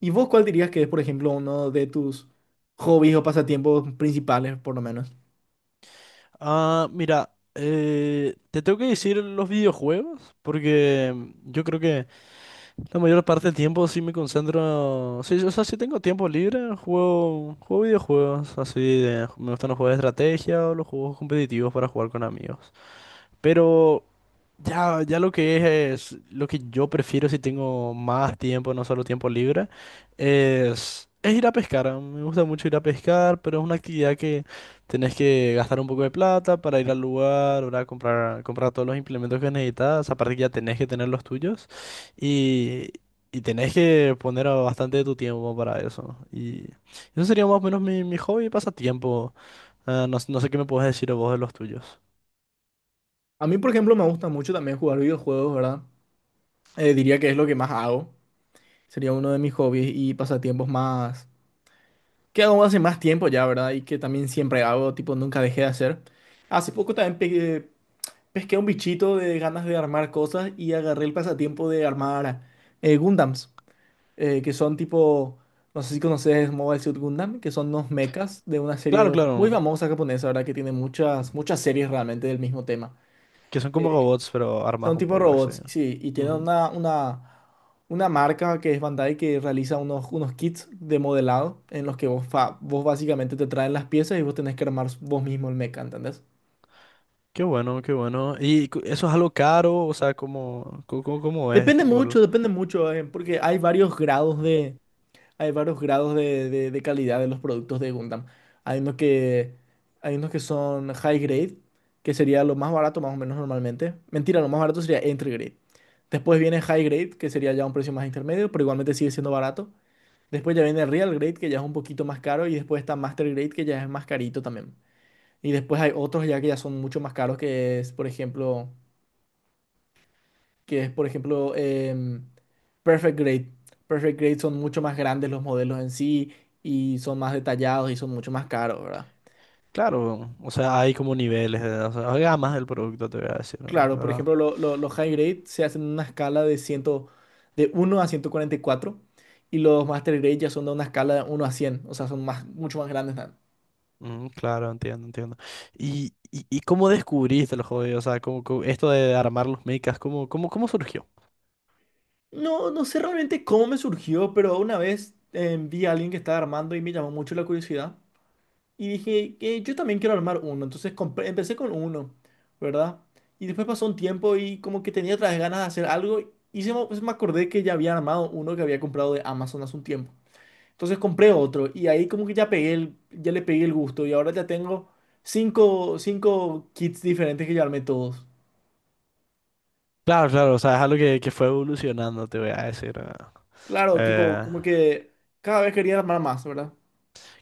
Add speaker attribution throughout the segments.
Speaker 1: ¿Y vos cuál dirías que es, por ejemplo, uno de tus hobbies o pasatiempos principales, por lo menos?
Speaker 2: Ah, mira, te tengo que decir los videojuegos, porque yo creo que la mayor parte del tiempo sí me concentro, sí, o sea, si tengo tiempo libre, juego videojuegos, me gustan los juegos de estrategia o los juegos competitivos para jugar con amigos. Pero ya lo que es lo que yo prefiero si tengo más tiempo, no solo tiempo libre, es ir a pescar. Me gusta mucho ir a pescar, pero es una actividad que tenés que gastar un poco de plata para ir al lugar, ¿verdad? Comprar todos los implementos que necesitas. Aparte que ya tenés que tener los tuyos y, y tenés que poner bastante de tu tiempo para eso. Y eso sería más o menos mi hobby y pasatiempo. Ah, no, no sé qué me puedes decir vos de los tuyos.
Speaker 1: A mí, por ejemplo, me gusta mucho también jugar videojuegos, ¿verdad? Diría que es lo que más hago. Sería uno de mis hobbies y pasatiempos más que hago hace más tiempo ya, ¿verdad? Y que también siempre hago, tipo, nunca dejé de hacer. Hace poco también pesqué un bichito de ganas de armar cosas y agarré el pasatiempo de armar Gundams. Que son tipo, no sé si conoces Mobile Suit Gundam, que son unos mechas de una
Speaker 2: Claro,
Speaker 1: serie muy
Speaker 2: claro.
Speaker 1: famosa japonesa, ¿verdad? Que tiene muchas, muchas series realmente del mismo tema.
Speaker 2: Que son como robots, pero armados
Speaker 1: Son
Speaker 2: un
Speaker 1: tipo
Speaker 2: poco así.
Speaker 1: robots, sí, y tienen
Speaker 2: Ujú.
Speaker 1: una marca que es Bandai, que realiza unos, unos kits de modelado en los que vos, vos básicamente te traen las piezas y vos tenés que armar vos mismo el mecha, ¿entendés?
Speaker 2: Qué bueno, qué bueno. ¿Y eso es algo caro? O sea, ¿cómo, cómo es?
Speaker 1: Depende mucho, porque hay varios hay varios grados de calidad de los productos de Gundam. Hay unos que, hay unos que son high grade, que sería lo más barato más o menos normalmente. Mentira, lo más barato sería entry grade. Después viene high grade, que sería ya un precio más intermedio, pero igualmente sigue siendo barato. Después ya viene real grade, que ya es un poquito más caro. Y después está master grade, que ya es más carito también. Y después hay otros ya que ya son mucho más caros, que es, por ejemplo que es, por ejemplo, em, Perfect Grade. Perfect Grade son mucho más grandes los modelos en sí y son más detallados y son mucho más caros, ¿verdad?
Speaker 2: Claro, o sea, hay como niveles, de, o sea, hay gamas del producto, te voy a decir, ¿no?
Speaker 1: Claro, por
Speaker 2: ¿Verdad?
Speaker 1: ejemplo, los High Grade se hacen en una 100 de uno a ciento cuarenta y cuatro, y los Master Grade ya son de una escala de uno a cien. O sea, son más, mucho más grandes, ¿no?
Speaker 2: Claro, entiendo, entiendo. Y cómo descubriste el hobby? O sea, esto de armar los mechas, ¿cómo, cómo, cómo surgió?
Speaker 1: No, no sé realmente cómo me surgió, pero una vez vi a alguien que estaba armando y me llamó mucho la curiosidad. Y dije que yo también quiero armar uno. Entonces empecé con uno, ¿verdad? Y después pasó un tiempo y como que tenía otras ganas de hacer algo, y se me, pues me acordé que ya había armado uno que había comprado de Amazon hace un tiempo. Entonces compré otro y ahí como que ya pegué el, ya le pegué el gusto, y ahora ya tengo cinco kits diferentes que ya armé todos.
Speaker 2: Claro, claro, o sea, es algo que fue evolucionando, te voy a decir, ¿verdad?
Speaker 1: Claro, tipo,
Speaker 2: Eh,
Speaker 1: como que cada vez quería armar más, ¿verdad?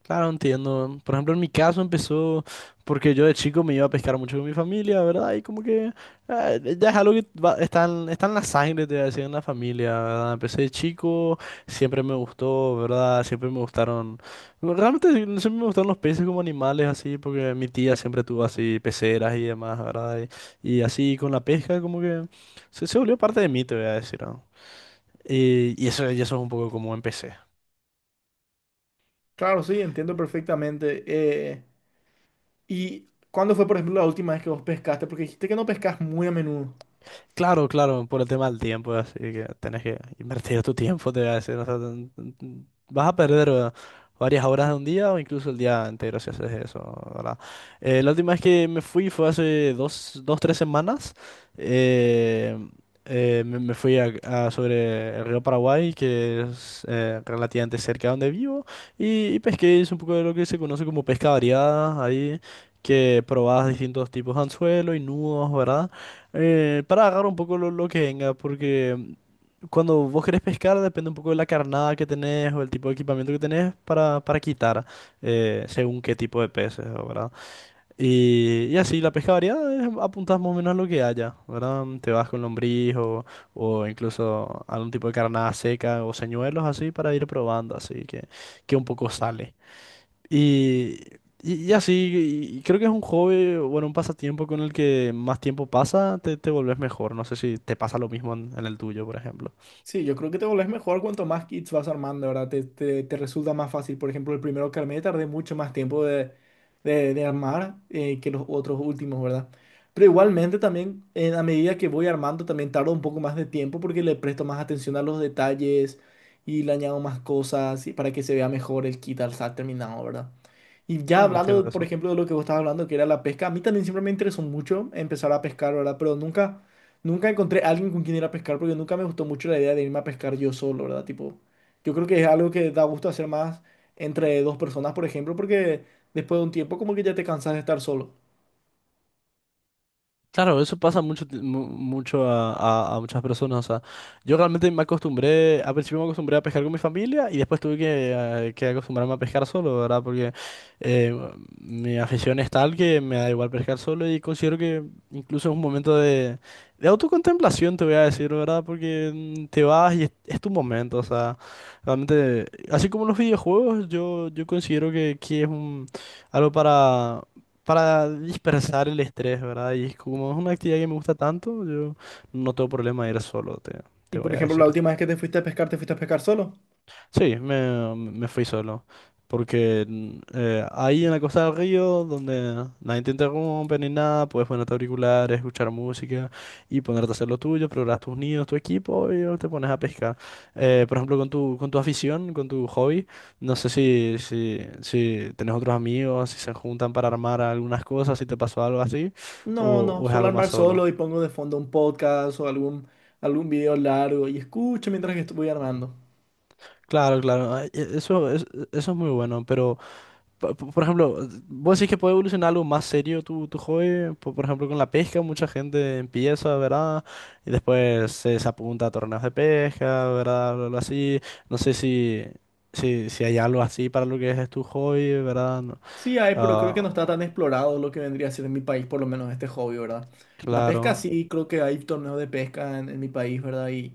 Speaker 2: Claro, entiendo. Por ejemplo, en mi caso empezó porque yo de chico me iba a pescar mucho con mi familia, ¿verdad? Y como que ya es algo que está en, está en la sangre, te voy a decir, en la familia, ¿verdad? Empecé de chico, siempre me gustó, ¿verdad? Siempre me gustaron, realmente sí, siempre me gustaron los peces como animales, así, porque mi tía siempre tuvo así peceras y demás, ¿verdad? Y así con la pesca como que se volvió parte de mí, te voy a decir, ¿no? Y eso es un poco como empecé.
Speaker 1: Claro, sí, entiendo perfectamente. ¿Y cuándo fue, por ejemplo, la última vez que vos pescaste? Porque dijiste que no pescas muy a menudo.
Speaker 2: Claro, claro, por el tema del tiempo, así que tenés que invertir tu tiempo, te voy a decir. O sea, n- vas a perder varias horas de un día o incluso el día entero si haces eso, ¿verdad? La última vez que me fui fue hace dos, dos, tres semanas. eh, me fui a sobre el río Paraguay, que es relativamente cerca de donde vivo, y pesqué, hice un poco de lo que se conoce como pesca variada ahí, que probabas distintos tipos de anzuelo y nudos, ¿verdad? Para agarrar un poco lo que venga, porque cuando vos querés pescar depende un poco de la carnada que tenés o el tipo de equipamiento que tenés para quitar, según qué tipo de peces, ¿verdad? Y así, la pesca variada es apuntás más o menos a lo que haya, ¿verdad? Te vas con lombriz o incluso algún tipo de carnada seca o señuelos así para ir probando, así que un poco sale. Y, y así, y creo que es un hobby, bueno, un pasatiempo con el que más tiempo pasa, te volvés mejor. No sé si te pasa lo mismo en el tuyo, por ejemplo.
Speaker 1: Sí, yo creo que te volvés mejor cuanto más kits vas armando, ¿verdad? Te resulta más fácil. Por ejemplo, el primero que armé tardé mucho más tiempo de armar, que los otros últimos, ¿verdad? Pero igualmente también, a medida que voy armando, también tardo un poco más de tiempo porque le presto más atención a los detalles y le añado más cosas, y para que se vea mejor el kit al estar terminado, ¿verdad? Y ya
Speaker 2: Claro, entiendo
Speaker 1: hablando, por
Speaker 2: eso.
Speaker 1: ejemplo, de lo que vos estabas hablando, que era la pesca, a mí también siempre me interesó mucho empezar a pescar, ¿verdad? Pero nunca encontré a alguien con quien ir a pescar, porque nunca me gustó mucho la idea de irme a pescar yo solo, ¿verdad? Tipo, yo creo que es algo que da gusto hacer más entre dos personas, por ejemplo, porque después de un tiempo como que ya te cansas de estar solo.
Speaker 2: Claro, eso pasa mucho, mucho a, a muchas personas. O sea, yo realmente me acostumbré, al principio me acostumbré a pescar con mi familia y después tuve que acostumbrarme a pescar solo, ¿verdad? Porque eh, mi afición es tal que me da igual pescar solo y considero que incluso es un momento de autocontemplación, te voy a decir, ¿verdad? Porque te vas y es tu momento, o sea, realmente, así como los videojuegos, yo considero que es un, algo para dispersar el estrés, ¿verdad? Y es como es una actividad que me gusta tanto, yo no tengo problema de ir solo, te
Speaker 1: Y por
Speaker 2: voy a
Speaker 1: ejemplo, la
Speaker 2: decir.
Speaker 1: última vez que te fuiste a pescar, ¿te fuiste a pescar solo?
Speaker 2: Sí, me fui solo. Porque ahí en la costa del río, donde nadie te interrumpe ni nada, puedes ponerte auriculares, escuchar música y ponerte a hacer lo tuyo, preparar tus nidos, tu equipo y luego te pones a pescar. Por ejemplo, con tu afición, con tu hobby, no sé si, si, si tenés otros amigos, si se juntan para armar algunas cosas, si te pasó algo así,
Speaker 1: No, no,
Speaker 2: o es
Speaker 1: suelo
Speaker 2: algo más
Speaker 1: armar
Speaker 2: solo.
Speaker 1: solo y pongo de fondo un podcast o algún video largo, y escucho mientras que estoy armando.
Speaker 2: Claro, claro, ah, eso, eso es muy bueno, pero... por ejemplo, vos decís que puede evolucionar algo más serio tu, tu hobby. Por ejemplo, con la pesca, mucha gente empieza, ¿verdad? Y después se, se apunta a torneos de pesca, ¿verdad? Algo algo así. No sé si, si, si hay algo así para lo que es tu hobby, ¿verdad? No.
Speaker 1: Sí hay, pero creo
Speaker 2: Ah,
Speaker 1: que no está tan explorado lo que vendría a ser en mi país, por lo menos este hobby, ¿verdad? La pesca
Speaker 2: claro.
Speaker 1: sí, creo que hay torneos de pesca en mi país, ¿verdad? Y,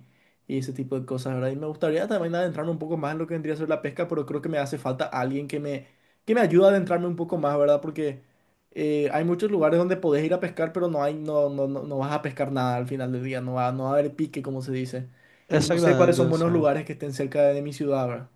Speaker 1: y ese tipo de cosas, ¿verdad? Y me gustaría también adentrarme un poco más en lo que vendría a ser la pesca, pero creo que me hace falta alguien que me ayude a adentrarme un poco más, ¿verdad? Porque hay muchos lugares donde podés ir a pescar, pero no, no, no, no vas a pescar nada al final del día, no va, no va a haber pique, como se dice. Y yo no sé cuáles son
Speaker 2: Exactamente, sí.
Speaker 1: buenos lugares que estén cerca de mi ciudad, ¿verdad?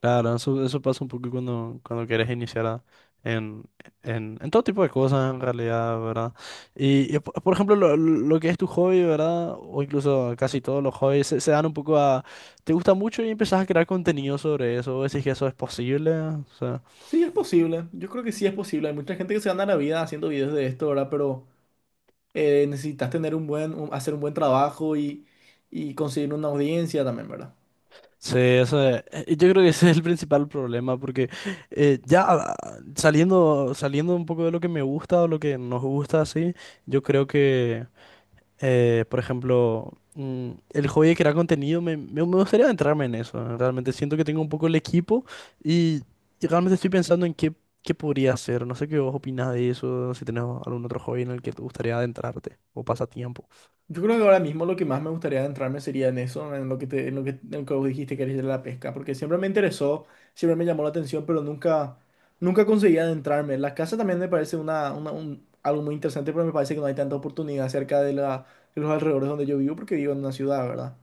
Speaker 2: Claro, eso pasa un poco cuando, cuando quieres en, en todo tipo de cosas, en realidad, ¿verdad? Y por ejemplo, lo que es tu hobby, ¿verdad? O incluso casi todos los hobbies se, se dan un poco a... ¿Te gusta mucho y empezás a crear contenido sobre eso? ¿O decís que eso es posible? O sea,
Speaker 1: Sí, es posible. Yo creo que sí es posible. Hay mucha gente que se gana la vida haciendo videos de esto, ¿verdad? Pero necesitas tener hacer un buen trabajo, y conseguir una audiencia también, ¿verdad?
Speaker 2: sí, yo creo que ese es el principal problema, porque eh, ya ah, saliendo, saliendo un poco de lo que me gusta o lo que nos gusta, así, yo creo que... Por ejemplo, el hobby de crear contenido, me, me gustaría entrarme en eso, ¿no? Realmente siento que tengo un poco el equipo y, y realmente estoy pensando en qué, qué podría hacer. No sé qué vos opinás de eso, si tenés algún otro hobby en el que te gustaría adentrarte o pasatiempo.
Speaker 1: Yo creo que ahora mismo lo que más me gustaría adentrarme sería en eso, en lo que vos dijiste que eres de la pesca, porque siempre me interesó, siempre me llamó la atención, pero nunca conseguí adentrarme. La casa también me parece algo muy interesante, pero me parece que no hay tanta oportunidad cerca de los alrededores donde yo vivo, porque vivo en una ciudad, ¿verdad?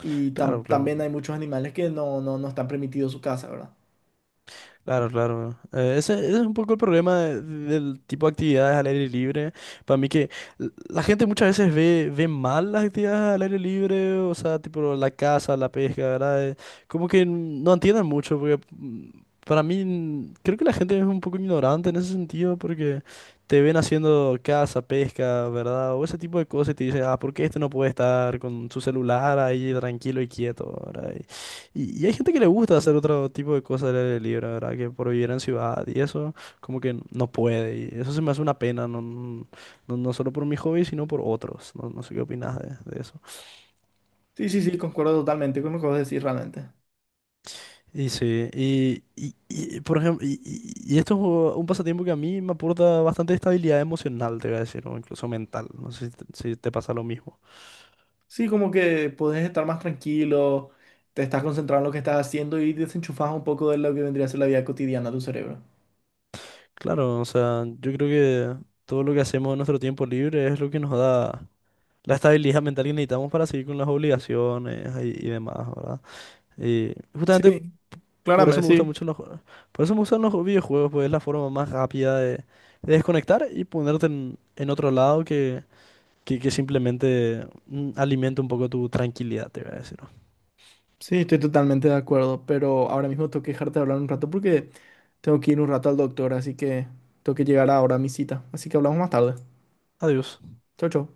Speaker 1: Y
Speaker 2: Claro, claro.
Speaker 1: también hay muchos animales que no están permitidos su casa, ¿verdad?
Speaker 2: Claro, claro. Ese, ese es un poco el problema del tipo de actividades al aire libre. Para mí que la gente muchas veces ve, ve mal las actividades al aire libre, o sea, tipo la caza, la pesca, ¿verdad? Como que no entienden mucho, porque para mí creo que la gente es un poco ignorante en ese sentido, porque te ven haciendo caza, pesca, ¿verdad? O ese tipo de cosas y te dicen, ah, ¿por qué este no puede estar con su celular ahí tranquilo y quieto, ¿verdad? Y hay gente que le gusta hacer otro tipo de cosas al aire libre, la ¿verdad? Que por vivir en ciudad y eso, como que no puede. Y eso se me hace una pena, no, no, no solo por mi hobby, sino por otros. No, no sé qué opinas de eso.
Speaker 1: Sí, sí, sí, concuerdo totalmente con lo que vos decís realmente.
Speaker 2: Y sí, y, por ejemplo, y, y esto es un pasatiempo que a mí me aporta bastante estabilidad emocional, te voy a decir, o incluso mental. No sé si te, si te pasa lo mismo.
Speaker 1: Sí, como que podés estar más tranquilo, te estás concentrado en lo que estás haciendo y desenchufás un poco de lo que vendría a ser la vida cotidiana de tu cerebro.
Speaker 2: Claro, o sea, yo creo que todo lo que hacemos en nuestro tiempo libre es lo que nos da la estabilidad mental que necesitamos para seguir con las obligaciones y demás, ¿verdad? Y justamente
Speaker 1: Sí,
Speaker 2: por eso
Speaker 1: claramente,
Speaker 2: me gustan
Speaker 1: sí.
Speaker 2: mucho los, por eso me gustan los videojuegos, pues es la forma más rápida de desconectar y ponerte en otro lado que simplemente alimenta un poco tu tranquilidad, te voy a decir.
Speaker 1: Sí, estoy totalmente de acuerdo, pero ahora mismo tengo que dejarte de hablar un rato porque tengo que ir un rato al doctor, así que tengo que llegar ahora a mi cita. Así que hablamos más tarde.
Speaker 2: Adiós.
Speaker 1: Chau, chau.